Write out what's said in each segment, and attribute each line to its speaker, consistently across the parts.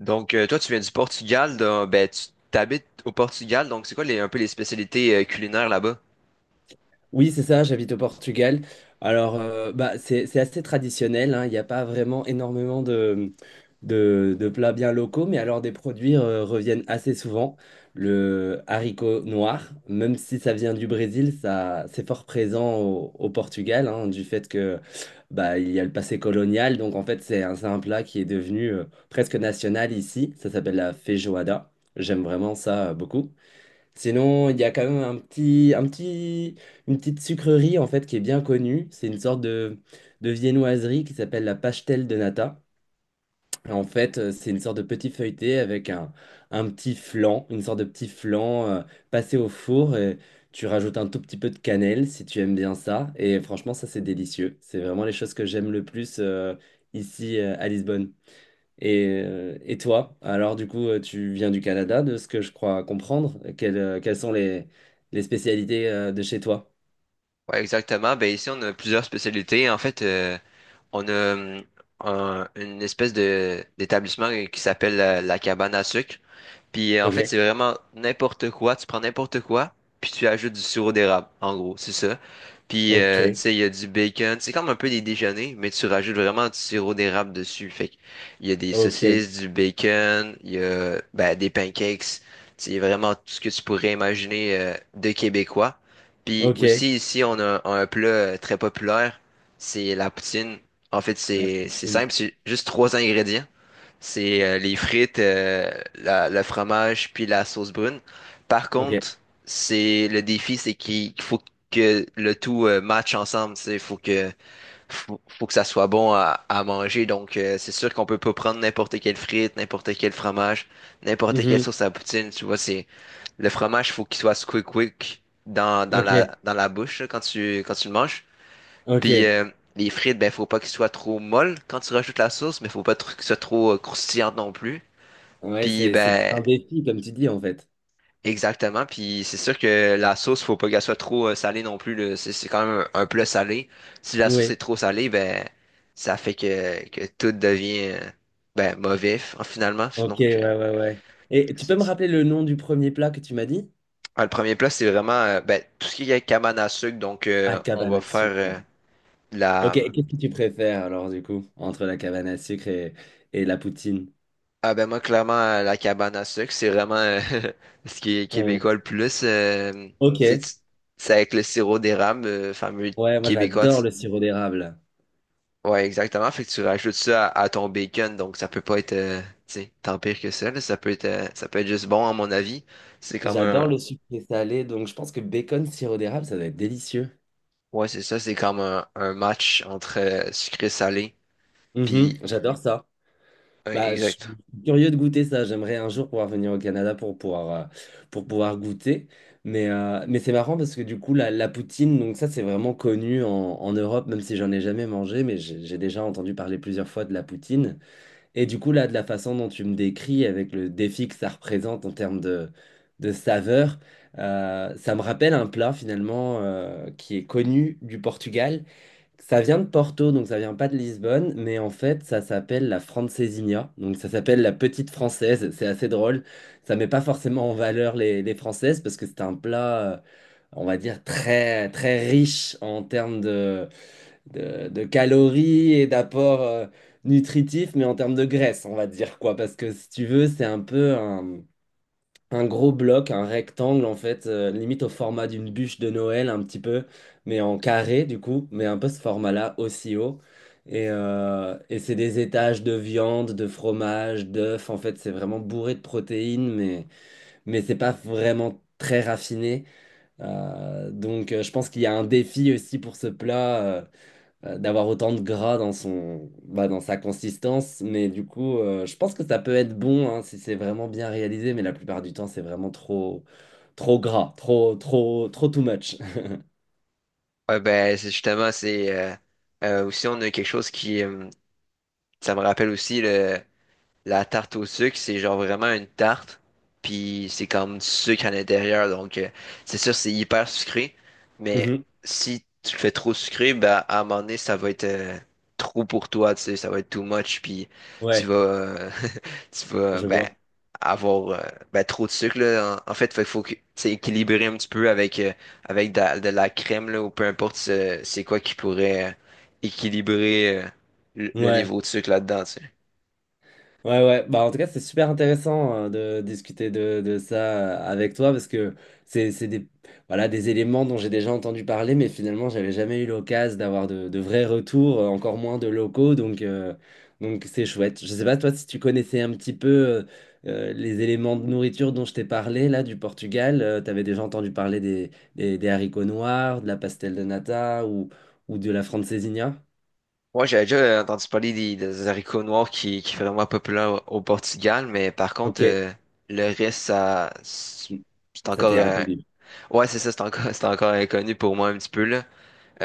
Speaker 1: Toi, tu viens du Portugal, donc, tu t'habites au Portugal, donc c'est quoi un peu les spécialités culinaires là-bas?
Speaker 2: Oui, c'est ça, j'habite au Portugal. Alors, c'est assez traditionnel, hein. Il n'y a pas vraiment énormément de plats bien locaux, mais alors des produits reviennent assez souvent. Le haricot noir, même si ça vient du Brésil, ça, c'est fort présent au Portugal, hein, du fait que bah, il y a le passé colonial. Donc, en fait, c'est un plat qui est devenu presque national ici. Ça s'appelle la feijoada. J'aime vraiment ça beaucoup. Sinon, il y a quand même une petite sucrerie en fait qui est bien connue. C'est une sorte de viennoiserie qui s'appelle la pastel de nata. En fait, c'est une sorte de petit feuilleté avec un petit flan, une sorte de petit flan passé au four. Et tu rajoutes un tout petit peu de cannelle si tu aimes bien ça. Et franchement, ça, c'est délicieux. C'est vraiment les choses que j'aime le plus ici à Lisbonne. Et toi, alors du coup, tu viens du Canada, de ce que je crois comprendre. Quelles, quelles sont les spécialités de chez toi?
Speaker 1: Ouais, exactement. Ben, ici, on a plusieurs spécialités. On a une espèce de d'établissement qui s'appelle la cabane à sucre. Puis en
Speaker 2: Ok,
Speaker 1: fait, c'est vraiment n'importe quoi. Tu prends n'importe quoi, puis tu ajoutes du sirop d'érable, en gros, c'est ça. Puis
Speaker 2: ok,
Speaker 1: tu sais, il y a du bacon. C'est comme un peu des déjeuners, mais tu rajoutes vraiment du sirop d'érable dessus. Fait que il y a des
Speaker 2: ok,
Speaker 1: saucisses, du bacon, il y a ben, des pancakes. C'est vraiment tout ce que tu pourrais imaginer de québécois. Puis
Speaker 2: ok.
Speaker 1: aussi ici, on a un plat très populaire, c'est la poutine. En fait,
Speaker 2: La
Speaker 1: c'est
Speaker 2: poutine.
Speaker 1: simple, c'est juste trois ingrédients. C'est les frites, le fromage, puis la sauce brune. Par
Speaker 2: Ok.
Speaker 1: contre, c'est le défi, c'est qu'il faut que le tout matche ensemble. Il faut que faut que ça soit bon à manger. C'est sûr qu'on peut pas prendre n'importe quelle frite, n'importe quel fromage, n'importe quelle
Speaker 2: Mhm.
Speaker 1: sauce à poutine. Tu vois, c'est le fromage, faut qu'il soit squick quick
Speaker 2: Ok,
Speaker 1: dans la bouche là, quand tu le manges. Puis
Speaker 2: ok.
Speaker 1: les frites, ben faut pas qu'ils soient trop molles quand tu rajoutes la sauce, mais faut pas trop- qu'ils soient trop croustillantes non plus.
Speaker 2: Ouais,
Speaker 1: Puis
Speaker 2: c'est
Speaker 1: ben
Speaker 2: un défi, comme tu dis, en fait.
Speaker 1: exactement. Puis c'est sûr que la sauce, faut pas qu'elle soit trop salée non plus. Là. C'est quand même un plat salé. Si la sauce est
Speaker 2: Oui,
Speaker 1: trop salée, ben ça fait que tout devient ben mauvais finalement.
Speaker 2: ok, ouais, ouais, ouais. Et tu peux
Speaker 1: C'est
Speaker 2: me
Speaker 1: ça.
Speaker 2: rappeler le nom du premier plat que tu m'as dit?
Speaker 1: Ah, le premier plat, c'est vraiment ben, tout ce qui est cabane à sucre.
Speaker 2: Ah,
Speaker 1: On
Speaker 2: cabane
Speaker 1: va
Speaker 2: à
Speaker 1: faire
Speaker 2: sucre. Ouais.
Speaker 1: de la
Speaker 2: Ok, et qu'est-ce que tu préfères alors, du coup, entre la cabane à sucre et la poutine?
Speaker 1: Ah ben moi clairement la cabane à sucre c'est vraiment ce qui est québécois
Speaker 2: Ton-
Speaker 1: le plus
Speaker 2: Ok.
Speaker 1: tu sais, tu- c'est avec le sirop d'érable fameux
Speaker 2: Ouais, moi
Speaker 1: québécois
Speaker 2: j'adore le sirop d'érable.
Speaker 1: ouais exactement fait que tu rajoutes ça à ton bacon donc ça peut pas être tu sais, tant pire que ça là. Ça peut être ça peut être juste bon à mon avis c'est comme
Speaker 2: J'adore
Speaker 1: un
Speaker 2: le sucré salé, donc je pense que bacon, sirop d'érable, ça doit être délicieux.
Speaker 1: ouais c'est ça c'est comme un match entre sucré et salé
Speaker 2: Mhm,
Speaker 1: puis
Speaker 2: j'adore ça.
Speaker 1: ouais,
Speaker 2: Bah, je
Speaker 1: exact
Speaker 2: suis curieux de goûter ça. J'aimerais un jour pouvoir venir au Canada pour pouvoir goûter. Mais c'est marrant parce que du coup, la poutine, donc ça, c'est vraiment connu en, en Europe, même si j'en ai jamais mangé, mais j'ai déjà entendu parler plusieurs fois de la poutine. Et du coup, là, de la façon dont tu me décris, avec le défi que ça représente en termes de saveur, ça me rappelle un plat finalement qui est connu du Portugal. Ça vient de Porto, donc ça vient pas de Lisbonne, mais en fait, ça s'appelle la francesinha. Donc ça s'appelle la petite française. C'est assez drôle. Ça met pas forcément en valeur les françaises parce que c'est un plat, on va dire, très, très riche en termes de calories et d'apport nutritif, mais en termes de graisse, on va dire quoi. Parce que si tu veux, c'est un peu un gros bloc, un rectangle en fait, limite au format d'une bûche de Noël, un petit peu, mais en carré du coup, mais un peu ce format-là aussi haut. Et c'est des étages de viande, de fromage, d'œufs. En fait, c'est vraiment bourré de protéines, mais c'est pas vraiment très raffiné. Donc, je pense qu'il y a un défi aussi pour ce plat. D'avoir autant de gras dans son, bah, dans sa consistance. Mais du coup, je pense que ça peut être bon hein, si c'est vraiment bien réalisé, mais la plupart du temps, c'est vraiment trop, trop gras, trop, trop, trop too much.
Speaker 1: ouais ben c'est justement c'est aussi on a quelque chose qui ça me rappelle aussi le La tarte au sucre, c'est genre vraiment une tarte, puis c'est comme du sucre à l'intérieur, c'est sûr, c'est hyper sucré, mais
Speaker 2: Mhm.
Speaker 1: si tu le fais trop sucré, bah, à un moment donné, ça va être trop pour toi, tu sais, ça va être too much, puis tu
Speaker 2: Ouais,
Speaker 1: vas, euh, tu vas,
Speaker 2: je
Speaker 1: ben,
Speaker 2: vois.
Speaker 1: avoir ben, trop de sucre, là. En fait, il faut que c'est équilibré un petit peu avec, avec de la crème, là, ou peu importe c'est quoi qui pourrait équilibrer le
Speaker 2: Ouais.
Speaker 1: niveau de sucre là-dedans, tu sais.
Speaker 2: Ouais, ouais. Bah, en tout cas, c'est super intéressant de discuter de ça avec toi parce que c'est des, voilà, des éléments dont j'ai déjà entendu parler, mais finalement, j'avais jamais eu l'occasion d'avoir de vrais retours, encore moins de locaux. Donc c'est chouette. Je sais pas, toi, si tu connaissais un petit peu les éléments de nourriture dont je t'ai parlé, là, du Portugal, t'avais déjà entendu parler des haricots noirs, de la pastel de nata ou de la francesinha?
Speaker 1: Moi j'avais déjà entendu parler des haricots noirs qui sont vraiment populaires au Portugal, mais par contre,
Speaker 2: Ok.
Speaker 1: le reste, ça, c'est
Speaker 2: Ça
Speaker 1: encore,
Speaker 2: t'est inconnu.
Speaker 1: ouais, c'est ça, c'est encore, c'est encore inconnu pour moi un petit peu, là.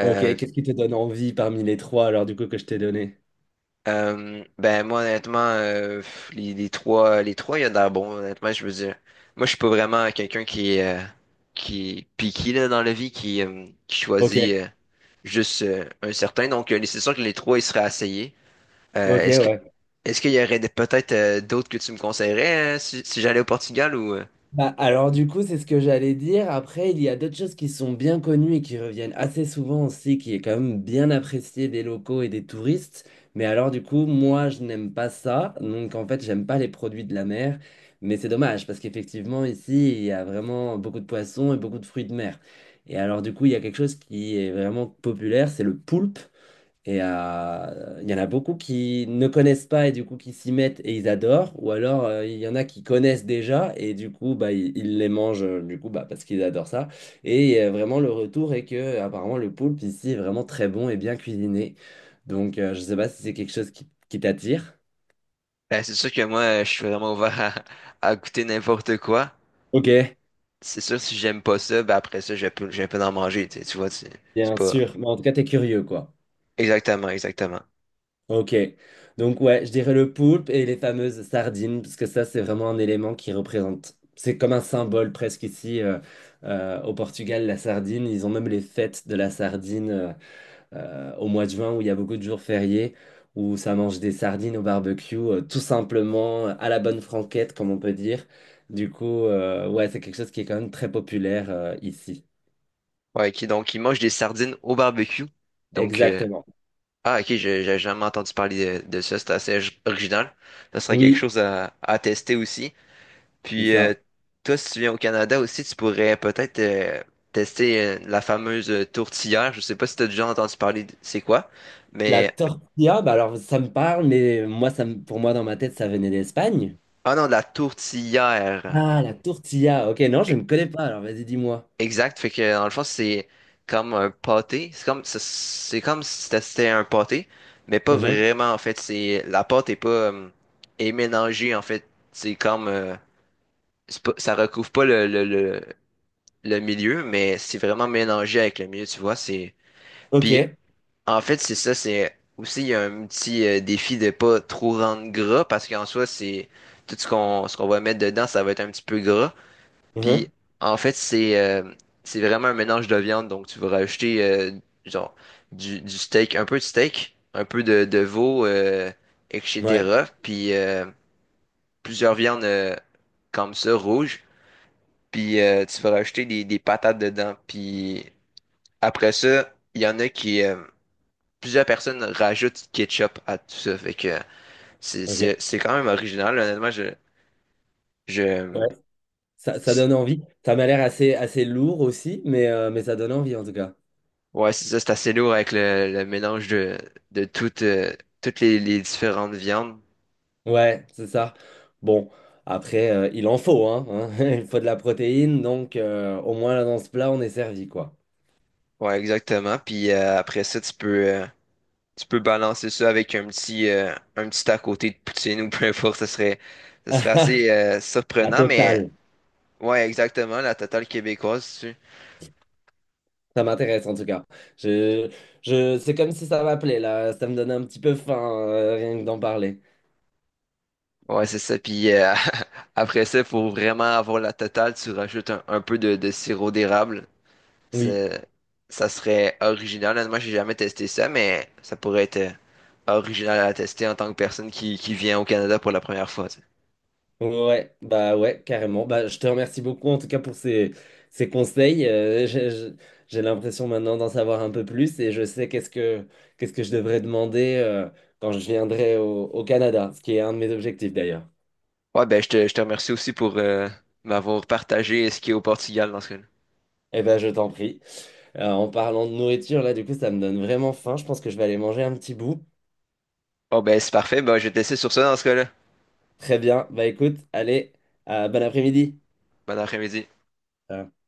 Speaker 2: Ok, qu'est-ce qui te donne envie parmi les trois alors du coup que je t'ai donné?
Speaker 1: ben, moi, honnêtement, pff, les trois, il y a de l'air bon, honnêtement, je veux dire. Moi, je suis pas vraiment quelqu'un qui est piqué, là, dans la vie, qui
Speaker 2: Ok,
Speaker 1: choisit, juste, un certain. C'est sûr que les trois, ils seraient essayés. Euh,
Speaker 2: ok,
Speaker 1: est-ce que
Speaker 2: ouais.
Speaker 1: est-ce qu'il y aurait peut-être d'autres que tu me conseillerais si j'allais au Portugal ou
Speaker 2: Bah, alors du coup, c'est ce que j'allais dire. Après, il y a d'autres choses qui sont bien connues et qui reviennent assez souvent aussi, qui est quand même bien appréciée des locaux et des touristes. Mais alors du coup, moi, je n'aime pas ça. Donc en fait, j'aime pas les produits de la mer. Mais c'est dommage parce qu'effectivement, ici, il y a vraiment beaucoup de poissons et beaucoup de fruits de mer. Et alors du coup, il y a quelque chose qui est vraiment populaire, c'est le poulpe. Et il y en a beaucoup qui ne connaissent pas et du coup qui s'y mettent et ils adorent. Ou alors il y en a qui connaissent déjà et du coup bah, ils les mangent du coup bah, parce qu'ils adorent ça. Et vraiment le retour est que apparemment le poulpe ici est vraiment très bon et bien cuisiné. Donc je sais pas si c'est quelque chose qui t'attire.
Speaker 1: ben, c'est sûr que moi je suis vraiment ouvert à goûter n'importe quoi.
Speaker 2: Ok.
Speaker 1: C'est sûr si j'aime pas ça, ben après ça je peux en manger, tu sais, tu vois, c'est
Speaker 2: Bien
Speaker 1: pas
Speaker 2: sûr. Mais en tout cas, t'es curieux quoi.
Speaker 1: exactement exactement.
Speaker 2: Ok. Donc ouais, je dirais le poulpe et les fameuses sardines, parce que ça, c'est vraiment un élément qui représente, c'est comme un symbole presque ici au Portugal, la sardine. Ils ont même les fêtes de la sardine au mois de juin, où il y a beaucoup de jours fériés, où ça mange des sardines au barbecue, tout simplement à la bonne franquette, comme on peut dire. Du coup, ouais, c'est quelque chose qui est quand même très populaire ici.
Speaker 1: Ouais, ok, donc il mange des sardines au barbecue. Donc euh,
Speaker 2: Exactement.
Speaker 1: ah ok, j'ai jamais entendu parler de ça, c'est assez original. Ça serait quelque
Speaker 2: Oui,
Speaker 1: chose à tester aussi.
Speaker 2: c'est
Speaker 1: Puis,
Speaker 2: ça.
Speaker 1: euh, toi, si tu viens au Canada aussi, tu pourrais peut-être tester la fameuse tourtière. Je sais pas si tu as déjà entendu parler de c'est quoi,
Speaker 2: La
Speaker 1: mais
Speaker 2: tortilla, bah alors ça me parle, mais moi, pour moi, dans ma tête, ça venait d'Espagne.
Speaker 1: ah non, de la tourtière.
Speaker 2: Ah, la tortilla. Ok, non, je
Speaker 1: E-
Speaker 2: ne connais pas. Alors, vas-y, dis-moi.
Speaker 1: Exact. Fait que dans le fond, c'est comme un pâté. C'est comme c'est comme si tu testais un pâté, mais pas
Speaker 2: Mhm.
Speaker 1: vraiment en fait. C'est la pâte est pas est mélangée en fait. C'est pas- ça recouvre pas le milieu, mais c'est vraiment mélangé avec le milieu. Tu vois, c'est
Speaker 2: Ok.
Speaker 1: Puis en fait, c'est ça, c'est aussi il y a un petit défi de pas trop rendre gras parce qu'en soi, c'est tout ce qu'on va mettre dedans, ça va être un petit peu gras. Puis
Speaker 2: Mhm.
Speaker 1: en fait, c'est vraiment un mélange de viande, donc tu vas rajouter genre du steak, un peu de steak, un peu de veau,
Speaker 2: Ouais.
Speaker 1: etc. Puis plusieurs viandes comme ça, rouges. Puis tu vas rajouter des patates dedans. Puis après ça, il y en a qui plusieurs personnes rajoutent du ketchup à tout ça. Fait que c'est,
Speaker 2: Ok.
Speaker 1: c'est quand même original. Honnêtement,
Speaker 2: Ouais.
Speaker 1: je,
Speaker 2: Ça
Speaker 1: c'est-
Speaker 2: donne envie. Ça m'a l'air assez, assez lourd aussi, mais ça donne envie en tout cas.
Speaker 1: ouais, c'est ça, c'est assez lourd avec le mélange de toutes, toutes les différentes viandes.
Speaker 2: Ouais, c'est ça. Bon, après, il en faut, hein, hein. Il faut de la protéine, donc au moins là dans ce plat, on est servi, quoi.
Speaker 1: Ouais, exactement. Puis après ça, tu peux balancer ça avec un petit à côté de poutine ou peu importe. Ça serait assez
Speaker 2: La
Speaker 1: surprenant, mais
Speaker 2: totale.
Speaker 1: ouais, exactement, la totale québécoise.
Speaker 2: Ça m'intéresse en tout cas. Je, je, c'est comme si ça m'appelait là. Ça me donne un petit peu faim, rien que d'en parler.
Speaker 1: Ouais, c'est ça. Puis après ça, il faut vraiment avoir la totale. Tu rajoutes un peu de sirop d'érable.
Speaker 2: Oui,
Speaker 1: C'est- Ça serait original. Honnêtement, j'ai jamais testé ça, mais ça pourrait être original à tester en tant que personne qui vient au Canada pour la première fois. Tu sais.
Speaker 2: ouais, bah ouais, carrément. Bah, je te remercie beaucoup en tout cas pour ces, ces conseils. J'ai l'impression maintenant d'en savoir un peu plus et je sais qu'est-ce que je devrais demander quand je viendrai au Canada, ce qui est un de mes objectifs d'ailleurs.
Speaker 1: Ouais, ben je te remercie aussi pour m'avoir partagé ce qui est au Portugal dans ce cas-là.
Speaker 2: Eh ben, je t'en prie. En parlant de nourriture, là, du coup, ça me donne vraiment faim. Je pense que je vais aller manger un petit bout.
Speaker 1: Oh ben c'est parfait. Ben, je vais te laisser sur ça dans ce cas-là.
Speaker 2: Très bien. Bah écoute, allez, bon après-midi.
Speaker 1: Bon après-midi.
Speaker 2: Ciao.